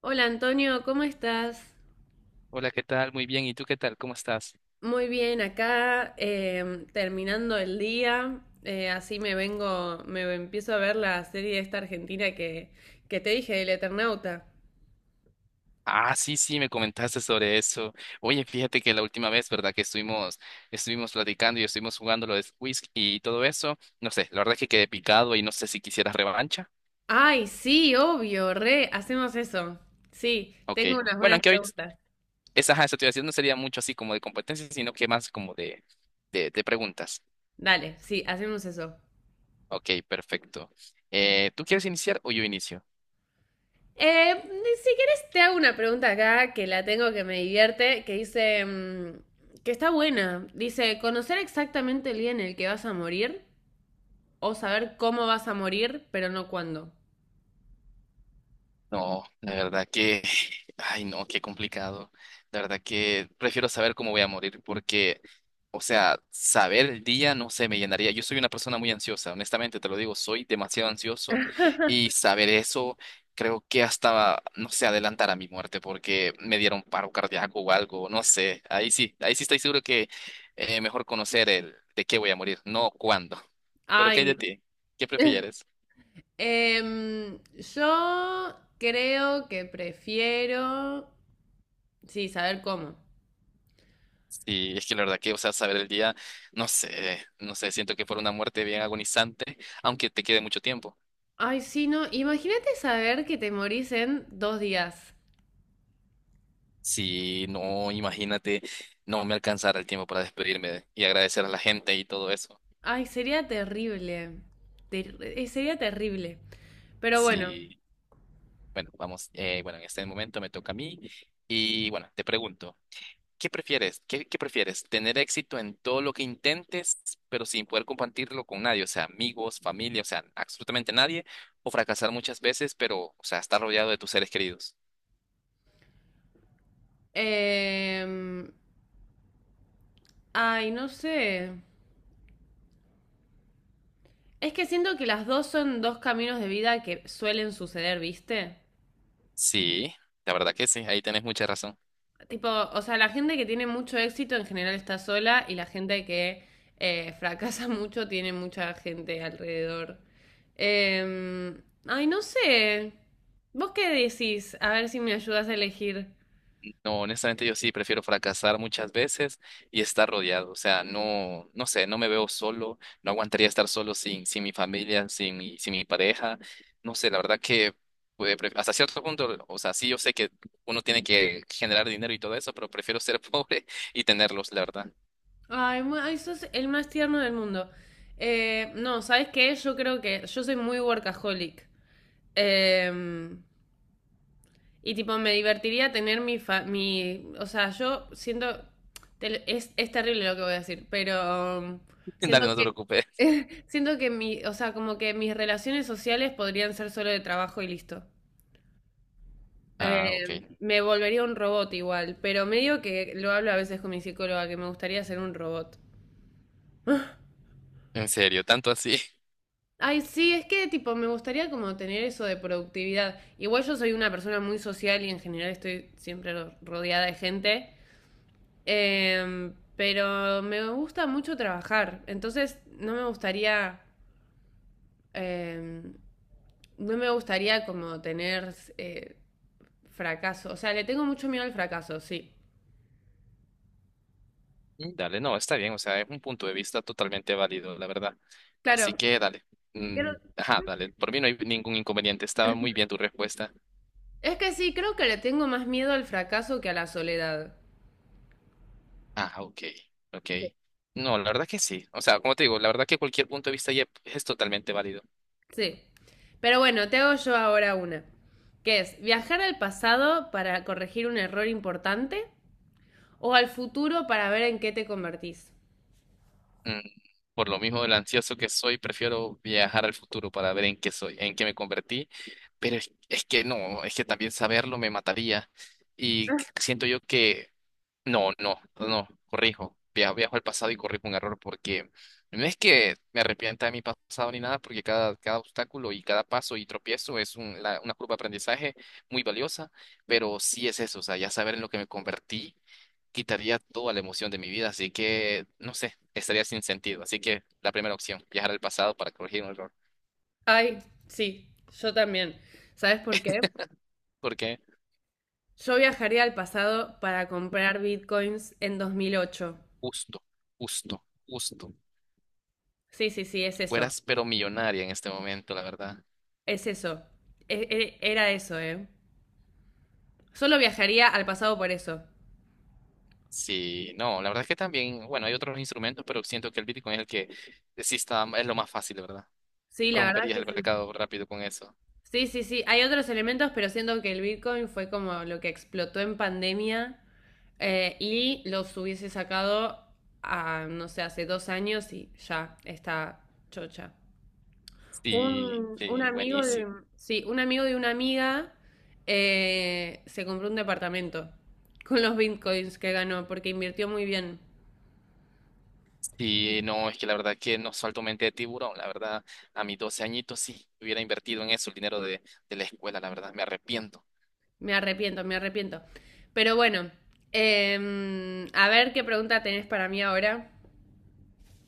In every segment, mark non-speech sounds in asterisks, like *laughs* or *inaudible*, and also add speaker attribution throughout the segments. Speaker 1: Hola Antonio, ¿cómo estás?
Speaker 2: Hola, ¿qué tal? Muy bien. ¿Y tú qué tal? ¿Cómo estás?
Speaker 1: Muy bien, acá terminando el día, así me vengo, me empiezo a ver la serie esta argentina que te dije, El Eternauta.
Speaker 2: Ah, sí, sí, me comentaste sobre eso. Oye, fíjate que la última vez, ¿verdad? Que estuvimos platicando y estuvimos jugando lo de Whisk y todo eso. No sé, la verdad es que quedé picado y no sé si quisieras revancha.
Speaker 1: Ay, sí, obvio, re, hacemos eso. Sí,
Speaker 2: Ok.
Speaker 1: tengo unas
Speaker 2: Bueno,
Speaker 1: buenas
Speaker 2: aunque hoy
Speaker 1: preguntas.
Speaker 2: esa situación no sería mucho así como de competencia, sino que más como de preguntas.
Speaker 1: Dale, sí, hacemos eso.
Speaker 2: Ok, perfecto. ¿Tú quieres iniciar o yo inicio?
Speaker 1: Eh, si quieres te hago una pregunta acá que la tengo que me divierte, que dice, que está buena. Dice, ¿conocer exactamente el día en el que vas a morir? O saber cómo vas a morir, pero no cuándo.
Speaker 2: No, de verdad que, ay no, qué complicado. De verdad que prefiero saber cómo voy a morir porque, o sea, saber el día no sé, me llenaría. Yo soy una persona muy ansiosa, honestamente te lo digo, soy demasiado ansioso y saber eso creo que hasta, no sé, adelantar a mi muerte porque me dieron paro cardíaco o algo, no sé. Ahí sí estoy seguro que mejor conocer el de qué voy a morir, no cuándo. Pero ¿qué hay de
Speaker 1: Ay,
Speaker 2: ti? ¿Qué prefieres?
Speaker 1: em, yo creo que prefiero... Sí, saber cómo.
Speaker 2: Sí, es que la verdad que, o sea, saber el día, no sé, no sé, siento que fue una muerte bien agonizante, aunque te quede mucho tiempo.
Speaker 1: Ay, sí, no. Imagínate saber que te morís en 2 días.
Speaker 2: Si no, imagínate, no me alcanzara el tiempo para despedirme y agradecer a la gente y todo eso.
Speaker 1: Ay, sería terrible. Sería terrible. Pero bueno.
Speaker 2: Sí, bueno, vamos, bueno, en este momento me toca a mí y bueno, te pregunto, ¿qué prefieres? ¿Qué prefieres? ¿Tener éxito en todo lo que intentes, pero sin poder compartirlo con nadie? O sea, amigos, familia, o sea, absolutamente nadie, o fracasar muchas veces, pero, o sea, estar rodeado de tus seres queridos.
Speaker 1: em, Ay, no sé. Es que siento que las dos son dos caminos de vida que suelen suceder, ¿viste?
Speaker 2: Sí, la verdad que sí, ahí tenés mucha razón.
Speaker 1: Tipo, o sea, la gente que tiene mucho éxito en general está sola y la gente que fracasa *laughs* mucho tiene mucha gente alrededor. Eh, Ay, no sé. ¿Vos qué decís? A ver si me ayudas a elegir.
Speaker 2: No, honestamente yo sí prefiero fracasar muchas veces y estar rodeado. O sea, no, no sé, no me veo solo, no aguantaría estar solo sin mi familia, sin mi pareja. No sé, la verdad que pues, hasta cierto punto, o sea, sí yo sé que uno tiene que generar dinero y todo eso, pero prefiero ser *laughs* pobre y tenerlos, la verdad.
Speaker 1: Ay, ay, sos el más tierno del mundo. No, ¿sabes qué? Yo creo que yo soy muy workaholic. Em, Y tipo, me divertiría tener mi, fa mi o sea, yo siento, es terrible lo que voy a decir, pero
Speaker 2: *laughs* Dale,
Speaker 1: siento
Speaker 2: no te
Speaker 1: que,
Speaker 2: preocupes.
Speaker 1: *laughs* siento que mi, o sea, como que mis relaciones sociales podrían ser solo de trabajo y listo. Eh,
Speaker 2: Ah, ok.
Speaker 1: Me volvería un robot igual, pero medio que lo hablo a veces con mi psicóloga, que me gustaría ser un robot.
Speaker 2: En serio, tanto así.
Speaker 1: Ay, sí, es que tipo, me gustaría como tener eso de productividad. Igual yo soy una persona muy social y en general estoy siempre rodeada de gente. Pero me gusta mucho trabajar, entonces no me gustaría, em, no me gustaría como tener fracaso, o sea, le tengo mucho miedo al fracaso, sí.
Speaker 2: Mm, dale, no, está bien, o sea, es un punto de vista totalmente válido, la verdad. Así
Speaker 1: Claro,
Speaker 2: que dale.
Speaker 1: creo-
Speaker 2: Mm, ajá, dale, por mí no hay ningún inconveniente, estaba muy bien tu respuesta.
Speaker 1: es que sí, creo que le tengo más miedo al fracaso que a la soledad.
Speaker 2: Ah, ok, ok.
Speaker 1: Sí.
Speaker 2: No, la verdad que sí, o sea, como te digo, la verdad que cualquier punto de vista ya es totalmente válido.
Speaker 1: Sí. Pero bueno, te hago yo ahora que es viajar al pasado para corregir un error importante o al futuro para ver en qué te convertís.
Speaker 2: Mm, por lo mismo del ansioso que soy, prefiero viajar al futuro para ver en qué soy, en qué me convertí, pero es que no, es que también saberlo me mataría y siento yo que... No, no, no, no, corrijo. Viajo al pasado y corrijo un error porque no es que me arrepienta de mi pasado ni nada, porque cada obstáculo y cada paso y tropiezo es una curva de aprendizaje muy valiosa, pero sí es eso, o sea, ya saber en lo que me convertí quitaría toda la emoción de mi vida, así que, no sé, estaría sin sentido. Así que la primera opción, viajar al pasado para corregir un error,
Speaker 1: Ay, sí, yo también. ¿Sabes por qué?
Speaker 2: porque
Speaker 1: Yo viajaría al pasado para comprar bitcoins en 2008.
Speaker 2: justo, justo, justo,
Speaker 1: Sí, sí, sí, es eso.
Speaker 2: fueras pero millonaria en este momento, la verdad.
Speaker 1: Es eso. E- Era eso, ¿eh? Solo viajaría al pasado por eso.
Speaker 2: Sí, no, la verdad es que también, bueno, hay otros instrumentos, pero siento que el Bitcoin es el que sí está, es lo más fácil, ¿verdad?
Speaker 1: Sí, la verdad
Speaker 2: Romperías
Speaker 1: que
Speaker 2: el
Speaker 1: sí.
Speaker 2: mercado rápido con eso.
Speaker 1: Sí, sí, sí. Hay otros elementos, pero siento que el bitcoin fue como lo que explotó en pandemia y los hubiese sacado a, no sé, hace 2 años y ya está chocha.
Speaker 2: Sí,
Speaker 1: Un
Speaker 2: sí,
Speaker 1: amigo
Speaker 2: buenísimo.
Speaker 1: sí, un amigo de una amiga se compró un departamento con los bitcoins que ganó porque invirtió muy bien.
Speaker 2: Sí, no, es que la verdad que no salto mente de tiburón, la verdad, a mis 12 añitos sí, hubiera invertido en eso el dinero de la escuela, la verdad, me arrepiento.
Speaker 1: Me arrepiento, me arrepiento. Pero bueno, a ver qué pregunta tenés para mí ahora.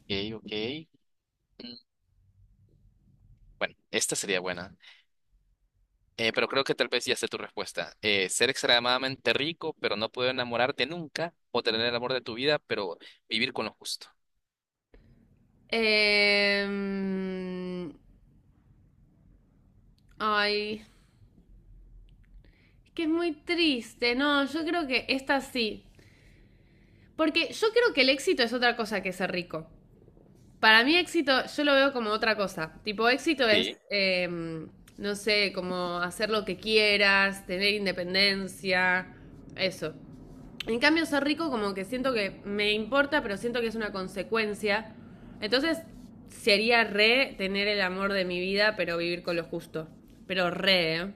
Speaker 2: Ok, ok. Mm, Bueno, esta sería buena. Pero creo que tal vez ya sé tu respuesta. Ser extremadamente rico, pero no poder enamorarte nunca, o tener el amor de tu vida, pero vivir con lo justo.
Speaker 1: Em, Ay, es que es muy triste. No, yo creo que esta sí. Porque yo creo que el éxito es otra cosa que ser rico. Para mí éxito, yo lo veo como otra cosa. Tipo, éxito es,
Speaker 2: Sí,
Speaker 1: no sé, como hacer lo que quieras, tener independencia, eso. En cambio, ser rico como que siento que me importa, pero siento que es una consecuencia. Entonces, sería re tener el amor de mi vida, pero vivir con lo justo. Pero re, ¿eh?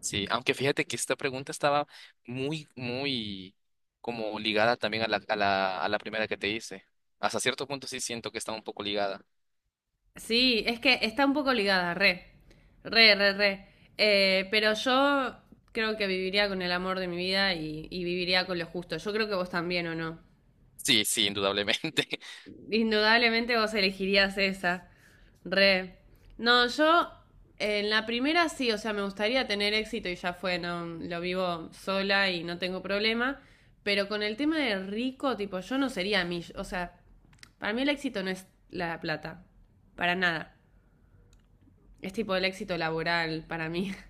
Speaker 2: sí. Aunque fíjate que esta pregunta estaba muy, muy como ligada también a la primera que te hice. Hasta cierto punto sí siento que está un poco ligada.
Speaker 1: Sí, es que está un poco ligada, re, re, re, re. Pero yo creo que viviría con el amor de mi vida y viviría con lo justo. Yo creo que vos también, ¿o no?
Speaker 2: Sí, sí, indudablemente. *laughs*
Speaker 1: Indudablemente vos elegirías esa, re. No, yo en la primera sí, o sea, me gustaría tener éxito y ya fue, no, lo vivo sola y no tengo problema. Pero con el tema de rico, tipo, yo no sería mi, o sea, para mí el éxito no es la plata, para nada. Es tipo el éxito laboral para mí. *laughs*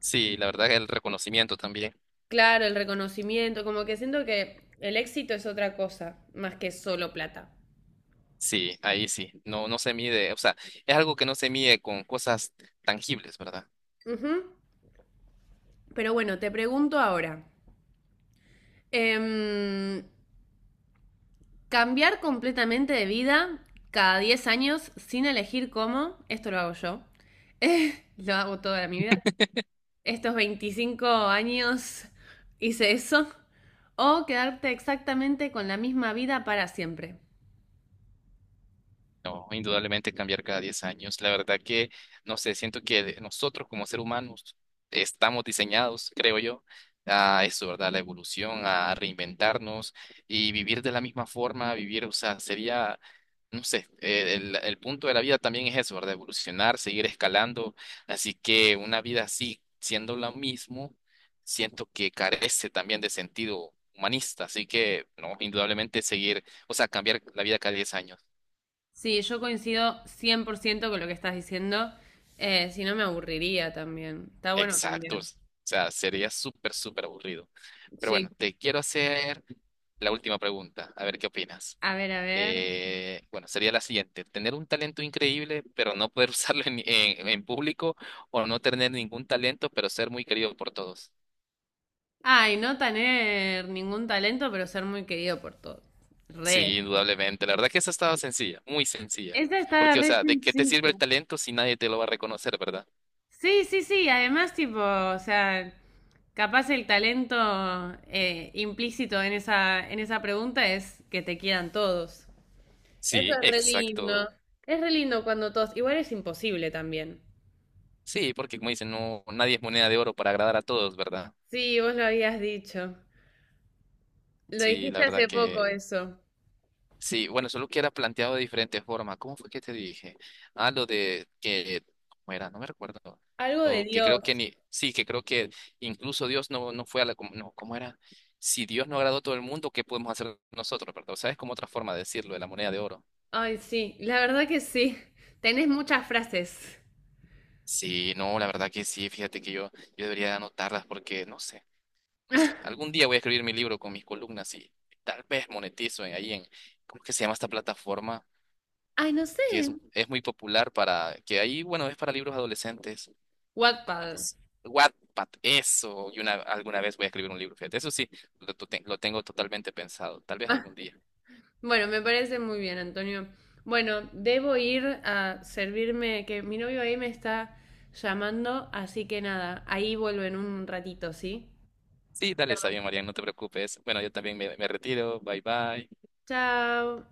Speaker 2: Sí, la verdad que el reconocimiento también.
Speaker 1: Claro, el reconocimiento, como que siento que el éxito es otra cosa, más que solo plata.
Speaker 2: Sí, ahí sí, no, no se mide, o sea, es algo que no se mide con cosas tangibles, ¿verdad?
Speaker 1: Ujú. Pero bueno, te pregunto ahora, em, cambiar completamente de vida cada 10 años sin elegir cómo, esto lo hago yo, *laughs* lo hago toda mi vida, estos 25 años hice eso, o quedarte exactamente con la misma vida para siempre.
Speaker 2: No, indudablemente cambiar cada 10 años. La verdad que, no sé, siento que nosotros como seres humanos estamos diseñados, creo yo, a eso, ¿verdad? La evolución, a reinventarnos y vivir de la misma forma, vivir, o sea, sería, no sé, el punto de la vida también es eso, ¿verdad? Evolucionar, seguir escalando. Así que una vida así, siendo lo mismo, siento que carece también de sentido humanista. Así que, no, indudablemente seguir, o sea, cambiar la vida cada 10 años.
Speaker 1: Sí, yo coincido 100% con lo que estás diciendo. Si no, me aburriría también. Está bueno cambiar.
Speaker 2: Exactos. O sea, sería súper, súper aburrido. Pero bueno,
Speaker 1: Sí.
Speaker 2: te quiero hacer la última pregunta, a ver qué opinas.
Speaker 1: A ver, a ver.
Speaker 2: Bueno, sería la siguiente. Tener un talento increíble, pero no poder *laughs* usarlo en público o no tener ningún talento, pero ser muy querido por todos.
Speaker 1: Ay, no tener ningún talento, pero ser muy querido por todos.
Speaker 2: Sí,
Speaker 1: Re.
Speaker 2: indudablemente. La verdad que esa estaba sencilla, muy sencilla.
Speaker 1: Esta está
Speaker 2: Porque, o
Speaker 1: re
Speaker 2: sea, ¿de qué te sirve
Speaker 1: sencilla.
Speaker 2: el talento si nadie te lo va a reconocer, verdad?
Speaker 1: Sí, sí, sí. Además, tipo, o sea, capaz el talento implícito en esa pregunta es que te quieran todos. Eso
Speaker 2: Sí,
Speaker 1: es re
Speaker 2: exacto.
Speaker 1: lindo. Es re lindo cuando todos. Igual es imposible también.
Speaker 2: Sí, porque como dicen, no, nadie es moneda de oro para agradar a todos, ¿verdad?
Speaker 1: Sí, vos lo habías dicho. Lo
Speaker 2: Sí, la
Speaker 1: dijiste hace
Speaker 2: verdad
Speaker 1: poco
Speaker 2: que
Speaker 1: eso.
Speaker 2: sí, bueno, solo que era planteado de diferente forma. ¿Cómo fue que te dije? Ah, lo de que, ¿cómo era? No me recuerdo.
Speaker 1: Algo de
Speaker 2: Lo que creo
Speaker 1: Dios.
Speaker 2: que ni, sí, que creo que incluso Dios no, no fue a la, no, ¿cómo era? Si Dios no agradó a todo el mundo, ¿qué podemos hacer nosotros, verdad? O sea, es como otra forma de decirlo, de la moneda de oro.
Speaker 1: Ay, sí, la verdad que sí. *laughs* Tenés muchas frases.
Speaker 2: Sí, no, la verdad que sí, fíjate que yo, debería de anotarlas porque, no sé, no sé. Algún día voy a escribir mi libro con mis columnas y tal vez monetizo en, ahí en, ¿cómo que se llama esta plataforma?
Speaker 1: Ay, no sé.
Speaker 2: Que es muy popular para, que ahí, bueno, es para libros adolescentes. ¿Cómo que
Speaker 1: Wattpad.
Speaker 2: es? Wattpad, eso. Y alguna vez voy a escribir un libro, fíjate. Eso sí, lo tengo totalmente pensado. Tal vez algún
Speaker 1: Ah,
Speaker 2: día.
Speaker 1: bueno, me parece muy bien, Antonio. Bueno, debo ir a servirme, que mi novio ahí me está llamando, así que nada, ahí vuelvo en un ratito, ¿sí?
Speaker 2: Sí, dale, está bien, Marian, no te preocupes. Bueno, yo también me retiro. Bye bye.
Speaker 1: Chao.